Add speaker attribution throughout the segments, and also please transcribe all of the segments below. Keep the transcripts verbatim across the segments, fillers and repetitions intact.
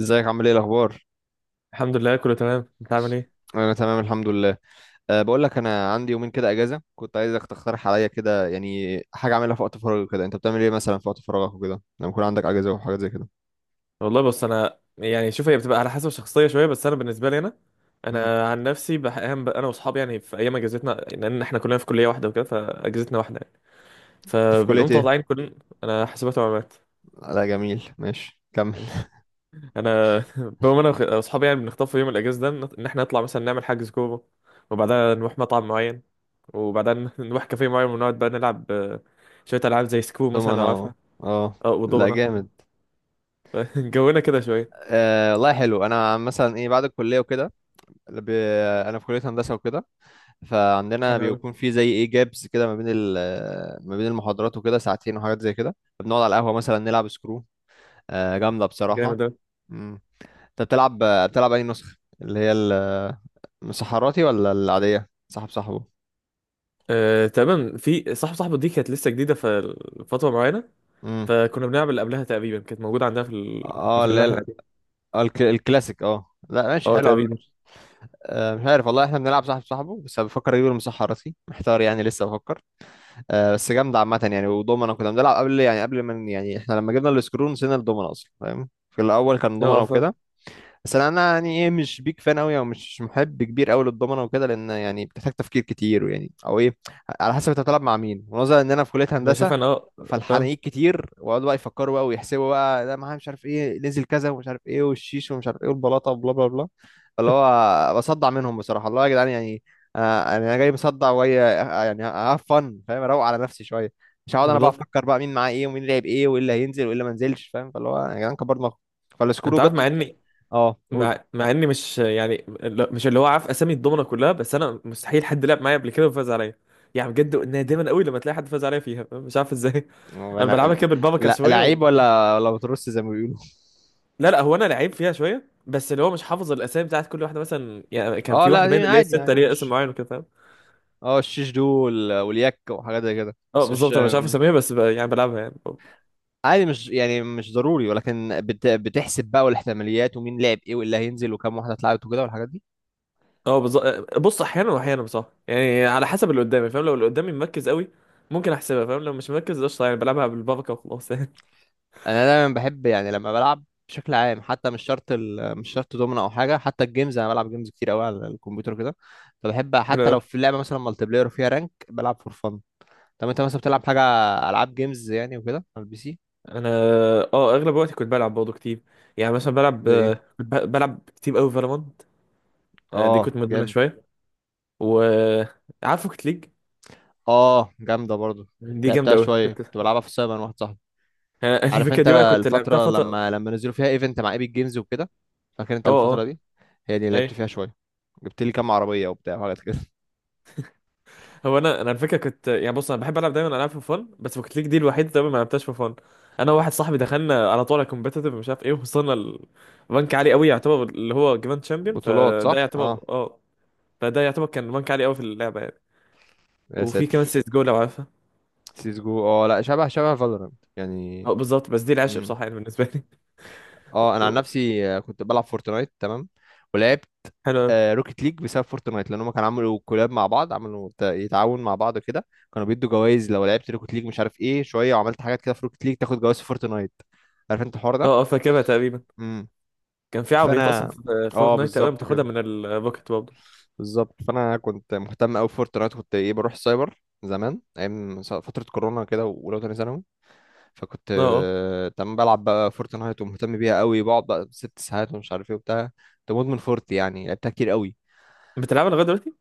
Speaker 1: ازيك؟ عامل ايه؟ الاخبار؟
Speaker 2: الحمد لله كله تمام. انت عامل ايه؟
Speaker 1: انا تمام الحمد لله. أه بقول لك، انا عندي يومين كده اجازه، كنت عايزك تقترح عليا كده يعني حاجه اعملها في وقت فراغي كده. انت بتعمل ايه مثلا في وقت فراغك وكده لما يكون عندك اجازه وحاجات زي كده؟
Speaker 2: والله بص، انا يعني شوف، هي بتبقى على حسب الشخصيه شويه. بس انا بالنسبه لي انا
Speaker 1: امم
Speaker 2: انا عن نفسي بح- اهم، انا واصحابي يعني في ايام اجازتنا، لان احنا كلنا في كليه واحده وكده، فاجازتنا واحده يعني.
Speaker 1: في كليه
Speaker 2: فبنقوم
Speaker 1: ايه؟
Speaker 2: طالعين كل... انا حاسبات ومعلومات.
Speaker 1: لا جميل، ماشي كمل.
Speaker 2: انا بقوم انا وخ- واصحابي، يعني بنختار في يوم الاجازه ده ان ان احنا نطلع مثلا نعمل حجز كوره، وبعدها نروح مطعم معين، وبعدين نروح كافيه معين ونقعد بقى نلعب، آه، شويه العاب زي سكرو مثلا
Speaker 1: دومنا،
Speaker 2: لو عارفها.
Speaker 1: اه. اه
Speaker 2: اه
Speaker 1: لا
Speaker 2: ودومنا،
Speaker 1: جامد.
Speaker 2: جونا كده شويه.
Speaker 1: آه والله حلو. انا مثلا ايه بعد الكليه وكده؟ ب... انا في كليه هندسه وكده، فعندنا
Speaker 2: انا
Speaker 1: بيكون في زي ايه جابس كده ما بين ال... ما بين المحاضرات وكده ساعتين وحاجات زي كده. بنقعد على القهوه مثلا نلعب سكرو. آه، جامدة بصراحة.
Speaker 2: جامد.
Speaker 1: مم. انت بتلعب؟ بتلعب اي نسخة؟ اللي هي ال-، الصحراتي ولا العادية صاحب صاحبه؟
Speaker 2: آه، تمام، في صاحب صاحبه دي كانت لسه جديده ففتره معينه.
Speaker 1: امم
Speaker 2: فكنا بنعمل قبلها تقريبا، كانت موجوده عندنا في
Speaker 1: اه
Speaker 2: الكافيه
Speaker 1: اللي
Speaker 2: اللي
Speaker 1: هي
Speaker 2: احنا
Speaker 1: ال-،
Speaker 2: قاعدين.
Speaker 1: اه الك- الكلاسيك. اه لا ماشي،
Speaker 2: اه
Speaker 1: حلو على فكرة.
Speaker 2: تقريبا.
Speaker 1: آه، مش عارف والله. احنا بنلعب صاحب صاحبه، بس أنا بفكر اجيب المصحراتي، محتار يعني لسه بفكر. آه بس جامدة عامة يعني، ودومنا كنا بنلعب قبل. يعني قبل ما ن- يعني احنا لما جبنا السكرون نسينا الدومنا اصلا، فاهم؟ في الاول كان
Speaker 2: اه
Speaker 1: دومنا
Speaker 2: اه
Speaker 1: وكده.
Speaker 2: فاهم.
Speaker 1: بس انا أنا يعني ايه، مش بيك فان قوي او مش محب كبير قوي للضمنه وكده، لان يعني بتحتاج تفكير كتير ويعني او ايه، على حسب انت بتلعب مع مين. ونظرا ان انا في كليه
Speaker 2: مش عارف
Speaker 1: هندسه
Speaker 2: انا اه. فاهم
Speaker 1: فالحنايك كتير، ويقعدوا بقى يفكروا بقى ويحسبوا بقى، ده معاه مش عارف ايه، نزل كذا ومش عارف ايه، والشيش ومش عارف ايه، والبلاطه وبلا بلا بلا. اللي هو بصدع منهم بصراحه الله يا جدعان يعني. آه، انا جاي مصدع وهي يعني هاف فن، فاهم؟ اروق على نفسي شويه، مش هقعد انا بقى
Speaker 2: بالظبط.
Speaker 1: افكر بقى مين معاه ايه ومين لعب ايه وايه اللي هينزل وايه اللي ما نزلش، فاهم؟ فاللي هو يا جدعان كبرنا،
Speaker 2: انت
Speaker 1: فالسكرو جت.
Speaker 2: عارف، مع اني
Speaker 1: اه قول.
Speaker 2: مع, مع اني مش يعني لا- مش اللي هو عارف اسامي الضمنه كلها، بس انا مستحيل حد لعب معايا قبل كده وفاز عليا. يعني بجد نادما قوي لما تلاقي حد فاز عليا فيها، مش عارف ازاي.
Speaker 1: هو
Speaker 2: انا
Speaker 1: انا
Speaker 2: بلعبها كده بالبركه
Speaker 1: لا
Speaker 2: شويه و...
Speaker 1: لعيب ولا ولا بترص زي ما بيقولوا.
Speaker 2: لا لا، هو انا لعيب فيها شويه، بس اللي هو مش حافظ الاسامي بتاعت كل واحده. مثلا يعني كان
Speaker 1: اه
Speaker 2: في
Speaker 1: لا،
Speaker 2: واحده باين
Speaker 1: دي
Speaker 2: اللي هي
Speaker 1: عادي
Speaker 2: السته
Speaker 1: يعني
Speaker 2: ليها اسم
Speaker 1: مش.
Speaker 2: معين وكده.
Speaker 1: اه الشيش دول واليك وحاجات زي كده،
Speaker 2: اه
Speaker 1: بس مش.
Speaker 2: بالظبط، انا مش عارف اسميها بس ب... يعني بلعبها يعني.
Speaker 1: عادي، مش يعني مش ضروري، ولكن بت... بتحسب بقى والاحتماليات، ومين لعب ايه واللي هينزل وكام واحده اتلعبت وكده والحاجات دي.
Speaker 2: اه بالظبط. بص احيانا واحيانا بصراحه، يعني على حسب اللي قدامي فاهم. لو اللي قدامي مركز قوي ممكن احسبها فاهم، لو مش مركز قشطه يعني بلعبها بالبركه وخلاص يعني.
Speaker 1: انا دايما بحب يعني لما بلعب بشكل عام، حتى مش شرط ال... مش شرط دومنا او حاجه، حتى الجيمز انا بلعب جيمز كتير قوي على الكمبيوتر كده، فبحب حتى
Speaker 2: انا
Speaker 1: لو في لعبه مثلا مالتي بلاير وفيها رانك بلعب فور فن. طب انت مثلا بتلعب حاجه؟ العاب جيمز يعني وكده على البي سي؟
Speaker 2: انا اه اغلب وقتي كنت بلعب برضه كتير. يعني مثلا بلعب،
Speaker 1: زي
Speaker 2: آه،
Speaker 1: ايه؟
Speaker 2: كنت ب- بلعب كتير قوي فالورانت. دي كنت
Speaker 1: اه
Speaker 2: مدمنها
Speaker 1: جامد.
Speaker 2: شويه. و عارف روكيت ليج؟
Speaker 1: اه جامده برضو.
Speaker 2: دي جامده
Speaker 1: لعبتها
Speaker 2: قوي
Speaker 1: شويه،
Speaker 2: كنت.
Speaker 1: كنت بلعبها في السايبر مع واحد صاحبي.
Speaker 2: آه،
Speaker 1: عارف
Speaker 2: الفكره
Speaker 1: انت
Speaker 2: دي بقى كنت لعبتها
Speaker 1: الفتره
Speaker 2: فتره.
Speaker 1: لما لما نزلوا فيها ايفنت مع ايبك جيمز وكده؟ فاكر انت
Speaker 2: اه
Speaker 1: الفتره
Speaker 2: اه.
Speaker 1: دي؟ هي دي اللي لعبت
Speaker 2: اي.
Speaker 1: فيها شويه، جبت لي كام عربيه وبتاع وحاجات كده.
Speaker 2: هو انا، انا على فكره كنت يعني، بص انا بحب العب دايما العاب في فن، بس بوكيت ليج دي الوحيده دايما ما لعبتهاش في فن. انا وواحد صاحبي دخلنا على طول على كومبيتيتيف، مش عارف ايه، وصلنا لبنك عالي قوي يعتبر، اللي هو جراند شامبيون.
Speaker 1: بطولات،
Speaker 2: فده
Speaker 1: صح
Speaker 2: يعتبر
Speaker 1: اه.
Speaker 2: اه، فده يعتبر كان بنك عالي قوي في اللعبه يعني.
Speaker 1: يا
Speaker 2: وفي كمان
Speaker 1: ساتر.
Speaker 2: سيس جو لو عارفها.
Speaker 1: سيس جو، اه لا شبه شبه فالورانت يعني.
Speaker 2: اه بالظبط، بس دي العشق
Speaker 1: مم.
Speaker 2: بصراحه يعني بالنسبه لي.
Speaker 1: اه انا عن
Speaker 2: و-
Speaker 1: نفسي آه، كنت بلعب فورتنايت، تمام، ولعبت
Speaker 2: حلو أوي.
Speaker 1: آه، روكيت ليج بسبب فورتنايت، لان هم كانوا عملوا كولاب مع بعض، عملوا ت- يتعاون مع بعض كده. كانوا بيدوا جوائز لو لعبت روكيت ليج مش عارف ايه شويه، وعملت حاجات كده في روكيت ليج تاخد جوائز في فورتنايت. عارف انت الحوار ده؟
Speaker 2: اه اه فاكرها تقريبا.
Speaker 1: امم
Speaker 2: كان في عربيات اصلا
Speaker 1: فانا
Speaker 2: في
Speaker 1: اه
Speaker 2: فورتنايت تقريبا
Speaker 1: بالظبط
Speaker 2: بتاخدها
Speaker 1: كده.
Speaker 2: من البوكيت برضه.
Speaker 1: بالظبط، فانا كنت مهتم قوي بفورتنايت. كنت ايه، بروح السايبر زمان ايام س- فتره كورونا كده، واولى وتانية ثانوي. فكنت
Speaker 2: اه اه.
Speaker 1: آه، تمام، بلعب بقى فورتنايت ومهتم بيها قوي، بقعد بقى ست ساعات ومش عارف ايه وبتاع. كنت مدمن فورت، يعني لعبتها كتير قوي.
Speaker 2: بتلعبها لغايه دلوقتي؟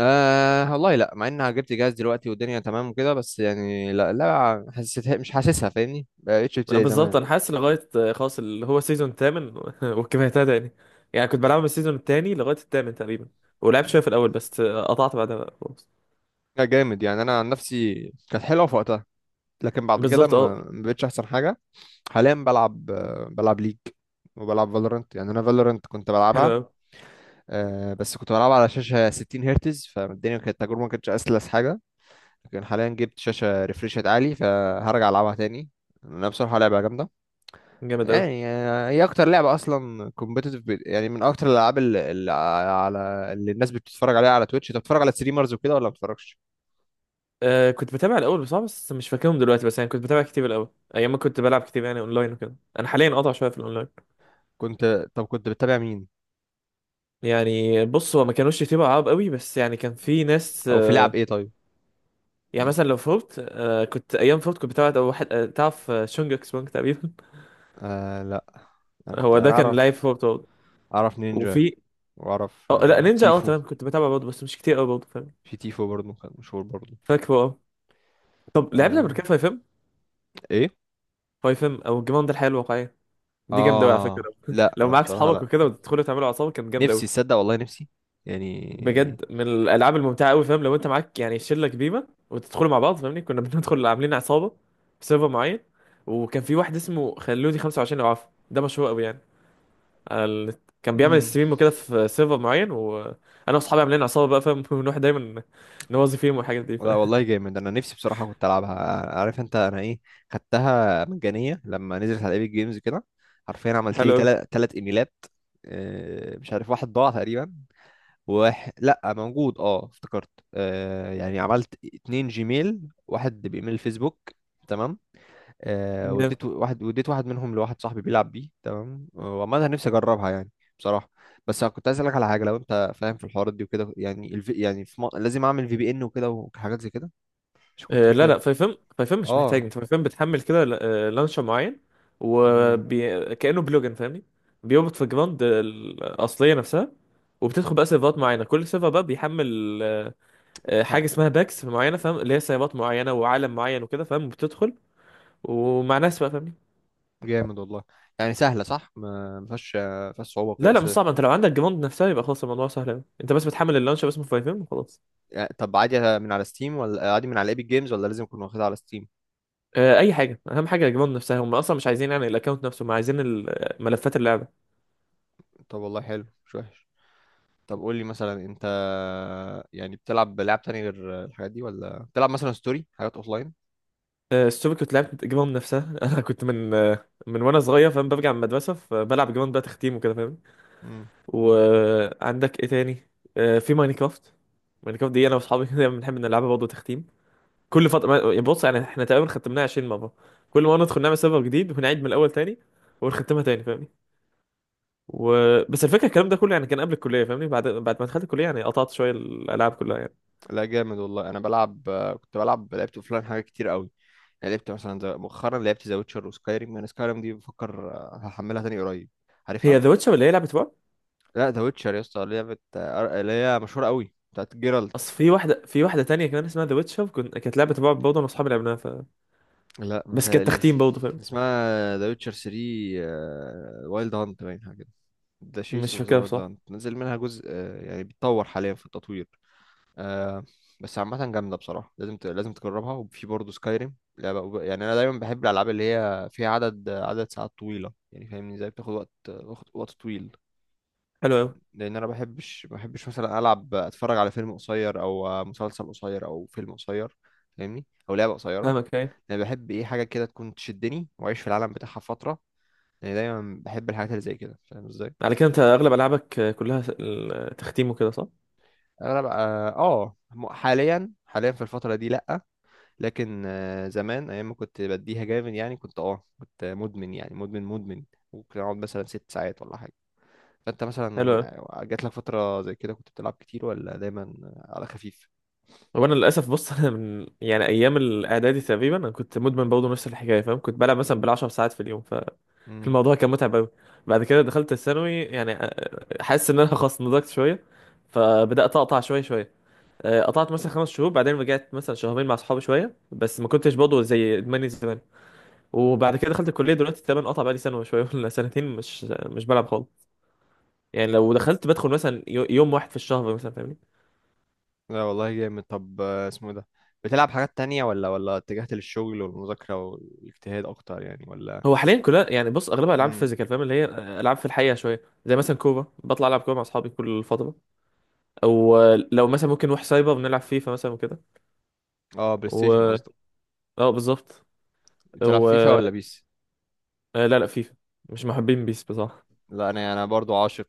Speaker 1: آه والله لا، مع اني جبت جهاز دلوقتي والدنيا تمام وكده، بس يعني لا لا حسيتها مش حاسسها، فاهمني؟ بقتش
Speaker 2: آه،
Speaker 1: زي
Speaker 2: بالظبط
Speaker 1: زمان.
Speaker 2: انا حاسس لغايه، آه، خلاص اللي هو سيزون تامن والكفايه تاني يعني. يعني كنت بلعب من السيزون التاني لغايه التامن تقريبا، ولعبت شويه في الاول بس، آه، قطعت بعدها بقى خلاص.
Speaker 1: لا جامد، يعني انا عن نفسي كانت حلوه في وقتها، لكن بعد كده
Speaker 2: بالظبط
Speaker 1: ما
Speaker 2: اه.
Speaker 1: ما بقتش احسن حاجه. حاليا بلعب آه، بلعب ليج، وبلعب فالورنت. يعني انا فالورنت كنت
Speaker 2: حلو
Speaker 1: بلعبها،
Speaker 2: قوي.
Speaker 1: آه، بس كنت بلعبها على شاشه ستين هرتز، فالدنيا كانت التجربه ما كانتش اسلس حاجه. لكن حاليا جبت شاشة ريفريشات عالي، فهرجع ألعبها تاني. أنا بصراحة لعبة جامدة،
Speaker 2: جامد قوي.
Speaker 1: يعني آه، هي أكتر لعبة أصلا كومبيتيتيف يعني. من أكتر الألعاب اللي, اللي على، اللي الناس بتتفرج عليها على تويتش. أنت بتتفرج على ستريمرز وكده ولا ما بتتفرجش؟
Speaker 2: آه كنت بتابع الاول بصراحه، بس مش فاكرهم دلوقتي. بس يعني كنت بتابع كتير الاول، ايام ما كنت بلعب كتير يعني اونلاين وكده. انا حاليا قاطع شويه في الاونلاين.
Speaker 1: كنت، طب كنت بتتابع مين؟
Speaker 2: يعني بص، هو ما كانوش كتير عرب قوي، بس يعني كان في ناس
Speaker 1: أو في لعب
Speaker 2: آه.
Speaker 1: إيه طيب؟
Speaker 2: يعني
Speaker 1: مم.
Speaker 2: مثلا لو فورت آه، كنت ايام فورت كنت بتابع أو واحد آه، تعرف آه، شونجك سونج تقريبا.
Speaker 1: آه لا. أنا كنت
Speaker 2: هو ده
Speaker 1: أنا
Speaker 2: كان
Speaker 1: أعرف.
Speaker 2: لايف فورت برضه.
Speaker 1: أعرف نينجا،
Speaker 2: وفي
Speaker 1: وأعرف
Speaker 2: اه، لا
Speaker 1: آه
Speaker 2: نينجا اه
Speaker 1: تيفو.
Speaker 2: تمام كنت بتابع برضه بس مش كتير قوي برضه فاهم.
Speaker 1: في تيفو برضه كان مشهور برضه.
Speaker 2: فاكره اه. طب لعبنا قبل
Speaker 1: آه.
Speaker 2: كده فايف ام؟
Speaker 1: إيه؟
Speaker 2: فايف ام او الجيم ده الحياه الواقعيه، دي جامده قوي على
Speaker 1: آه
Speaker 2: فكره. لو
Speaker 1: لا
Speaker 2: معاك
Speaker 1: بصراحة
Speaker 2: صحابك
Speaker 1: لا،
Speaker 2: وكده وتدخلوا تعملوا عصابه كانت جامده قوي.
Speaker 1: نفسي تصدق والله نفسي يعني.
Speaker 2: بجد من الالعاب الممتعه قوي فاهم، لو انت معاك يعني شله كبيره وتدخلوا مع بعض فاهمني، كنا بندخل عاملين عصابه في سيرفر معين. وكان في واحد اسمه خلوني خمسة وعشرين لو عارفه ده مشهور قوي يعني على النت. كان بيعمل
Speaker 1: امم
Speaker 2: ستريم وكده في سيرفر معين، وانا واصحابي عاملين عصابه بقى فاهم، ونروح دايما نوظف فيهم والحاجات دي
Speaker 1: لا
Speaker 2: فاهم.
Speaker 1: والله جامد، انا نفسي بصراحه كنت العبها. عارف انت انا ايه؟ خدتها مجانيه لما نزلت على ايبك جيمز كده. حرفيا عملت لي
Speaker 2: حلو
Speaker 1: تلات تلات ايميلات. آه، مش عارف، واحد ضاع تقريبا، واحد لا موجود. اه افتكرت، آه، يعني عملت اتنين جيميل، واحد بايميل فيسبوك، تمام. آه
Speaker 2: قوي.
Speaker 1: وديت واحد، وديت واحد منهم لواحد صاحبي بيلعب بيه، تمام. وعامة نفسي اجربها يعني، بصراحة. بس أنا كنت عايز اسألك على حاجة، لو انت فاهم في الحوارات دي وكده. يعني الفي يعني في م... لازم اعمل في بي ان وكده وحاجات زي كده، مش كنت
Speaker 2: آه، لا
Speaker 1: فاكر.
Speaker 2: لا فايفم، فايفم مش محتاج.
Speaker 1: اه.
Speaker 2: انت فايفم بتحمل كده، آه، لانشر معين،
Speaker 1: امم
Speaker 2: وكأنه بلوجن فاهمني، بيربط في الجراند الأصلية نفسها. وبتدخل بقى سيرفرات معينة، كل سيرفر بقى بيحمل، آه، آه،
Speaker 1: ح-.
Speaker 2: حاجة اسمها باكس معينة فاهم، اللي هي سيرفرات معينة وعالم معين وكده فاهم، بتدخل ومع ناس بقى فاهمني.
Speaker 1: جامد والله. يعني سهلة صح، ما ما فيهاش، ما فيهاش صعوبة وكده
Speaker 2: لا لا مش
Speaker 1: اصل.
Speaker 2: صعب، انت لو عندك جراند نفسها يبقى خلاص، الموضوع سهل أوي. انت بس بتحمل اللانشر اسمه فايفم وخلاص.
Speaker 1: يعني طب عادي من على ستيم، ولا عادي من على ايبك جيمز، ولا لازم اكون واخدها على ستيم؟
Speaker 2: آه، اي حاجة، اهم حاجة الجراند نفسها. هم اصلا مش عايزين يعني الاكونت نفسه، هم عايزين ال- آه، ملفات اللعبة.
Speaker 1: طب والله حلو، مش وحش. طب قول لي مثلا انت يعني بتلعب لعب تاني غير الحاجات دي، ولا بتلعب مثلا ستوري حاجات اوفلاين؟
Speaker 2: آه، السوبر كنت لعبت جيمون نفسها. انا كنت من، آه، من وانا صغير فاهم، برجع من المدرسه فبلعب جيمون بقى تختيم وكده فاهم.
Speaker 1: مم.
Speaker 2: وعندك ايه تاني؟ آه، في ماينكرافت. ماينكرافت دي انا واصحابي كده بنحب نلعبها برضه تختيم. كل فتره ما- يعني بص، يعني احنا تقريبا ختمناها عشرين مره، كل مره ندخل نعمل سيرفر جديد ونعيد من الاول تاني، ونختمها تاني فاهمني. و... بس الفكره الكلام ده كله يعني كان قبل الكليه فاهمني. بعد بعد ما دخلت الكليه يعني قطعت شويه الالعاب كلها يعني.
Speaker 1: لا جامد والله، انا بلعب آه، كنت بلعب، لعبت اوفلاين حاجات كتير قوي. انا لعبت مثلا زي- مؤخرا لعبت ذا ويتشر وسكايريم. انا سكايريم دي بفكر آه، هحملها تاني قريب. عارفها؟
Speaker 2: هي ذا ويتشر اللي هي لعبه رعب؟
Speaker 1: لا ذا ويتشر يا اسطى لعبه آه، أر- اللي هي مشهوره قوي بتاعت جيرالت.
Speaker 2: اصل في واحده، في واحده تانية كمان اسمها ذا ويتشر كنت، كانت لعبه رعب برضه انا واصحابي لعبناها.
Speaker 1: لا
Speaker 2: بس كانت
Speaker 1: متهيأليش.
Speaker 2: تختيم برضه فاهم.
Speaker 1: اسمها ذا ويتشر ثري وايلد هانت، باين حاجه كده. ذا شيس
Speaker 2: مش
Speaker 1: اوف ذا
Speaker 2: فاكرها
Speaker 1: وايلد
Speaker 2: بصراحة.
Speaker 1: هانت، نزل منها جزء آه، يعني بيتطور حاليا في التطوير. آه. بس عامة جامدة بصراحة، لازم ت... لازم تجربها. وفي برضه سكايريم لعبة أوب- يعني أنا دايما بحب الألعاب اللي هي فيها عدد عدد ساعات طويلة، يعني فاهمني؟ زي بتاخد وقت وقت وقت طويل.
Speaker 2: حلو أوي.
Speaker 1: لأن أنا بحبش بحبش مثلا ألعب، أتفرج على فيلم قصير أو مسلسل قصير أو فيلم قصير، فاهمني؟ أو لعبة قصيرة.
Speaker 2: فاهمك أيوة.
Speaker 1: أنا بحب إيه، حاجة كده تكون تشدني وأعيش في العالم بتاعها فترة. يعني دايما بحب الحاجات اللي زي كده، فاهم إزاي؟
Speaker 2: على كده
Speaker 1: ف-
Speaker 2: أنت أغلب ألعابك كلها س- ال- تختيم وكده صح؟
Speaker 1: أغلب، آه، آه، حاليا، حاليا في الفترة دي لأ. لكن آه، زمان ايام ما كنت بديها جامد يعني، كنت اه كنت مدمن، يعني مدمن مدمن. ممكن اقعد مثلا ست ساعات ولا حاجه. فانت
Speaker 2: حلو
Speaker 1: مثلا
Speaker 2: أوي.
Speaker 1: آه، جات لك فتره زي كده كنت بتلعب كتير، ولا دايما على خفيف؟
Speaker 2: هو أنا للأسف بص، أنا من يعني أيام الإعدادي تقريبا أنا كنت مدمن برضه نفس الحكاية فاهم. كنت بلعب مثلا بالعشر ساعات في اليوم.
Speaker 1: امم
Speaker 2: فالموضوع كان متعب أوي. بعد كده دخلت الثانوي يعني أ- حاسس إن أنا خلاص نضجت شوية. فبدأت أقطع شوية شوية. أه، قطعت مثلا خمس شهور، بعدين رجعت مثلا شهرين مع أصحابي شوية، بس ما كنتش برضه زي إدماني زمان. وبعد كده دخلت الكليه دلوقتي، تقريبا قطع بقالي سنه وشويه ولا سنتين، مش مش بلعب خالص. يعني لو دخلت بدخل مثلا يو- يوم واحد في الشهر مثلا فاهمني.
Speaker 1: لا والله جامد. طب آه، اسمه ده، بتلعب حاجات تانية ولا ولا اتجهت للشغل والمذاكره والاجتهاد اكتر يعني، ولا؟
Speaker 2: هو حاليا كلها يعني، بص اغلبها العاب
Speaker 1: امم
Speaker 2: فيزيكال فاهم، اللي هي العاب في الحقيقه شويه، زي مثلا كوره بطلع العب كوره مع اصحابي كل فتره. او لو مثلا ممكن نروح سايبر بنلعب فيفا مثلا وكده.
Speaker 1: اه بلاي ستيشن
Speaker 2: و
Speaker 1: قصدك.
Speaker 2: اه بالظبط.
Speaker 1: بتلعب
Speaker 2: و
Speaker 1: فيفا ولا بيس؟
Speaker 2: آه، لا لا فيفا، مش محبين بيس بصراحه.
Speaker 1: لا انا انا برضو عاشق،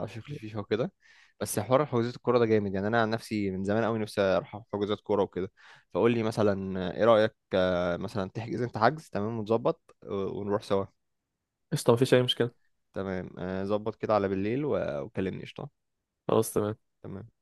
Speaker 1: عاشق للفيفا وكده. بس حوار حجوزات الكوره ده جامد، يعني انا عن نفسي من زمان قوي نفسي اروح حجوزات كوره وكده. فقول لي مثلا ايه رايك آه، مثلا تحجز انت حجز، تمام، ونظبط و- ونروح سوا.
Speaker 2: قشطه مفيش اي مشكله.
Speaker 1: تمام. آه، ظبط كده على بالليل و- وكلمني قشطه.
Speaker 2: خلاص تمام.
Speaker 1: تمام.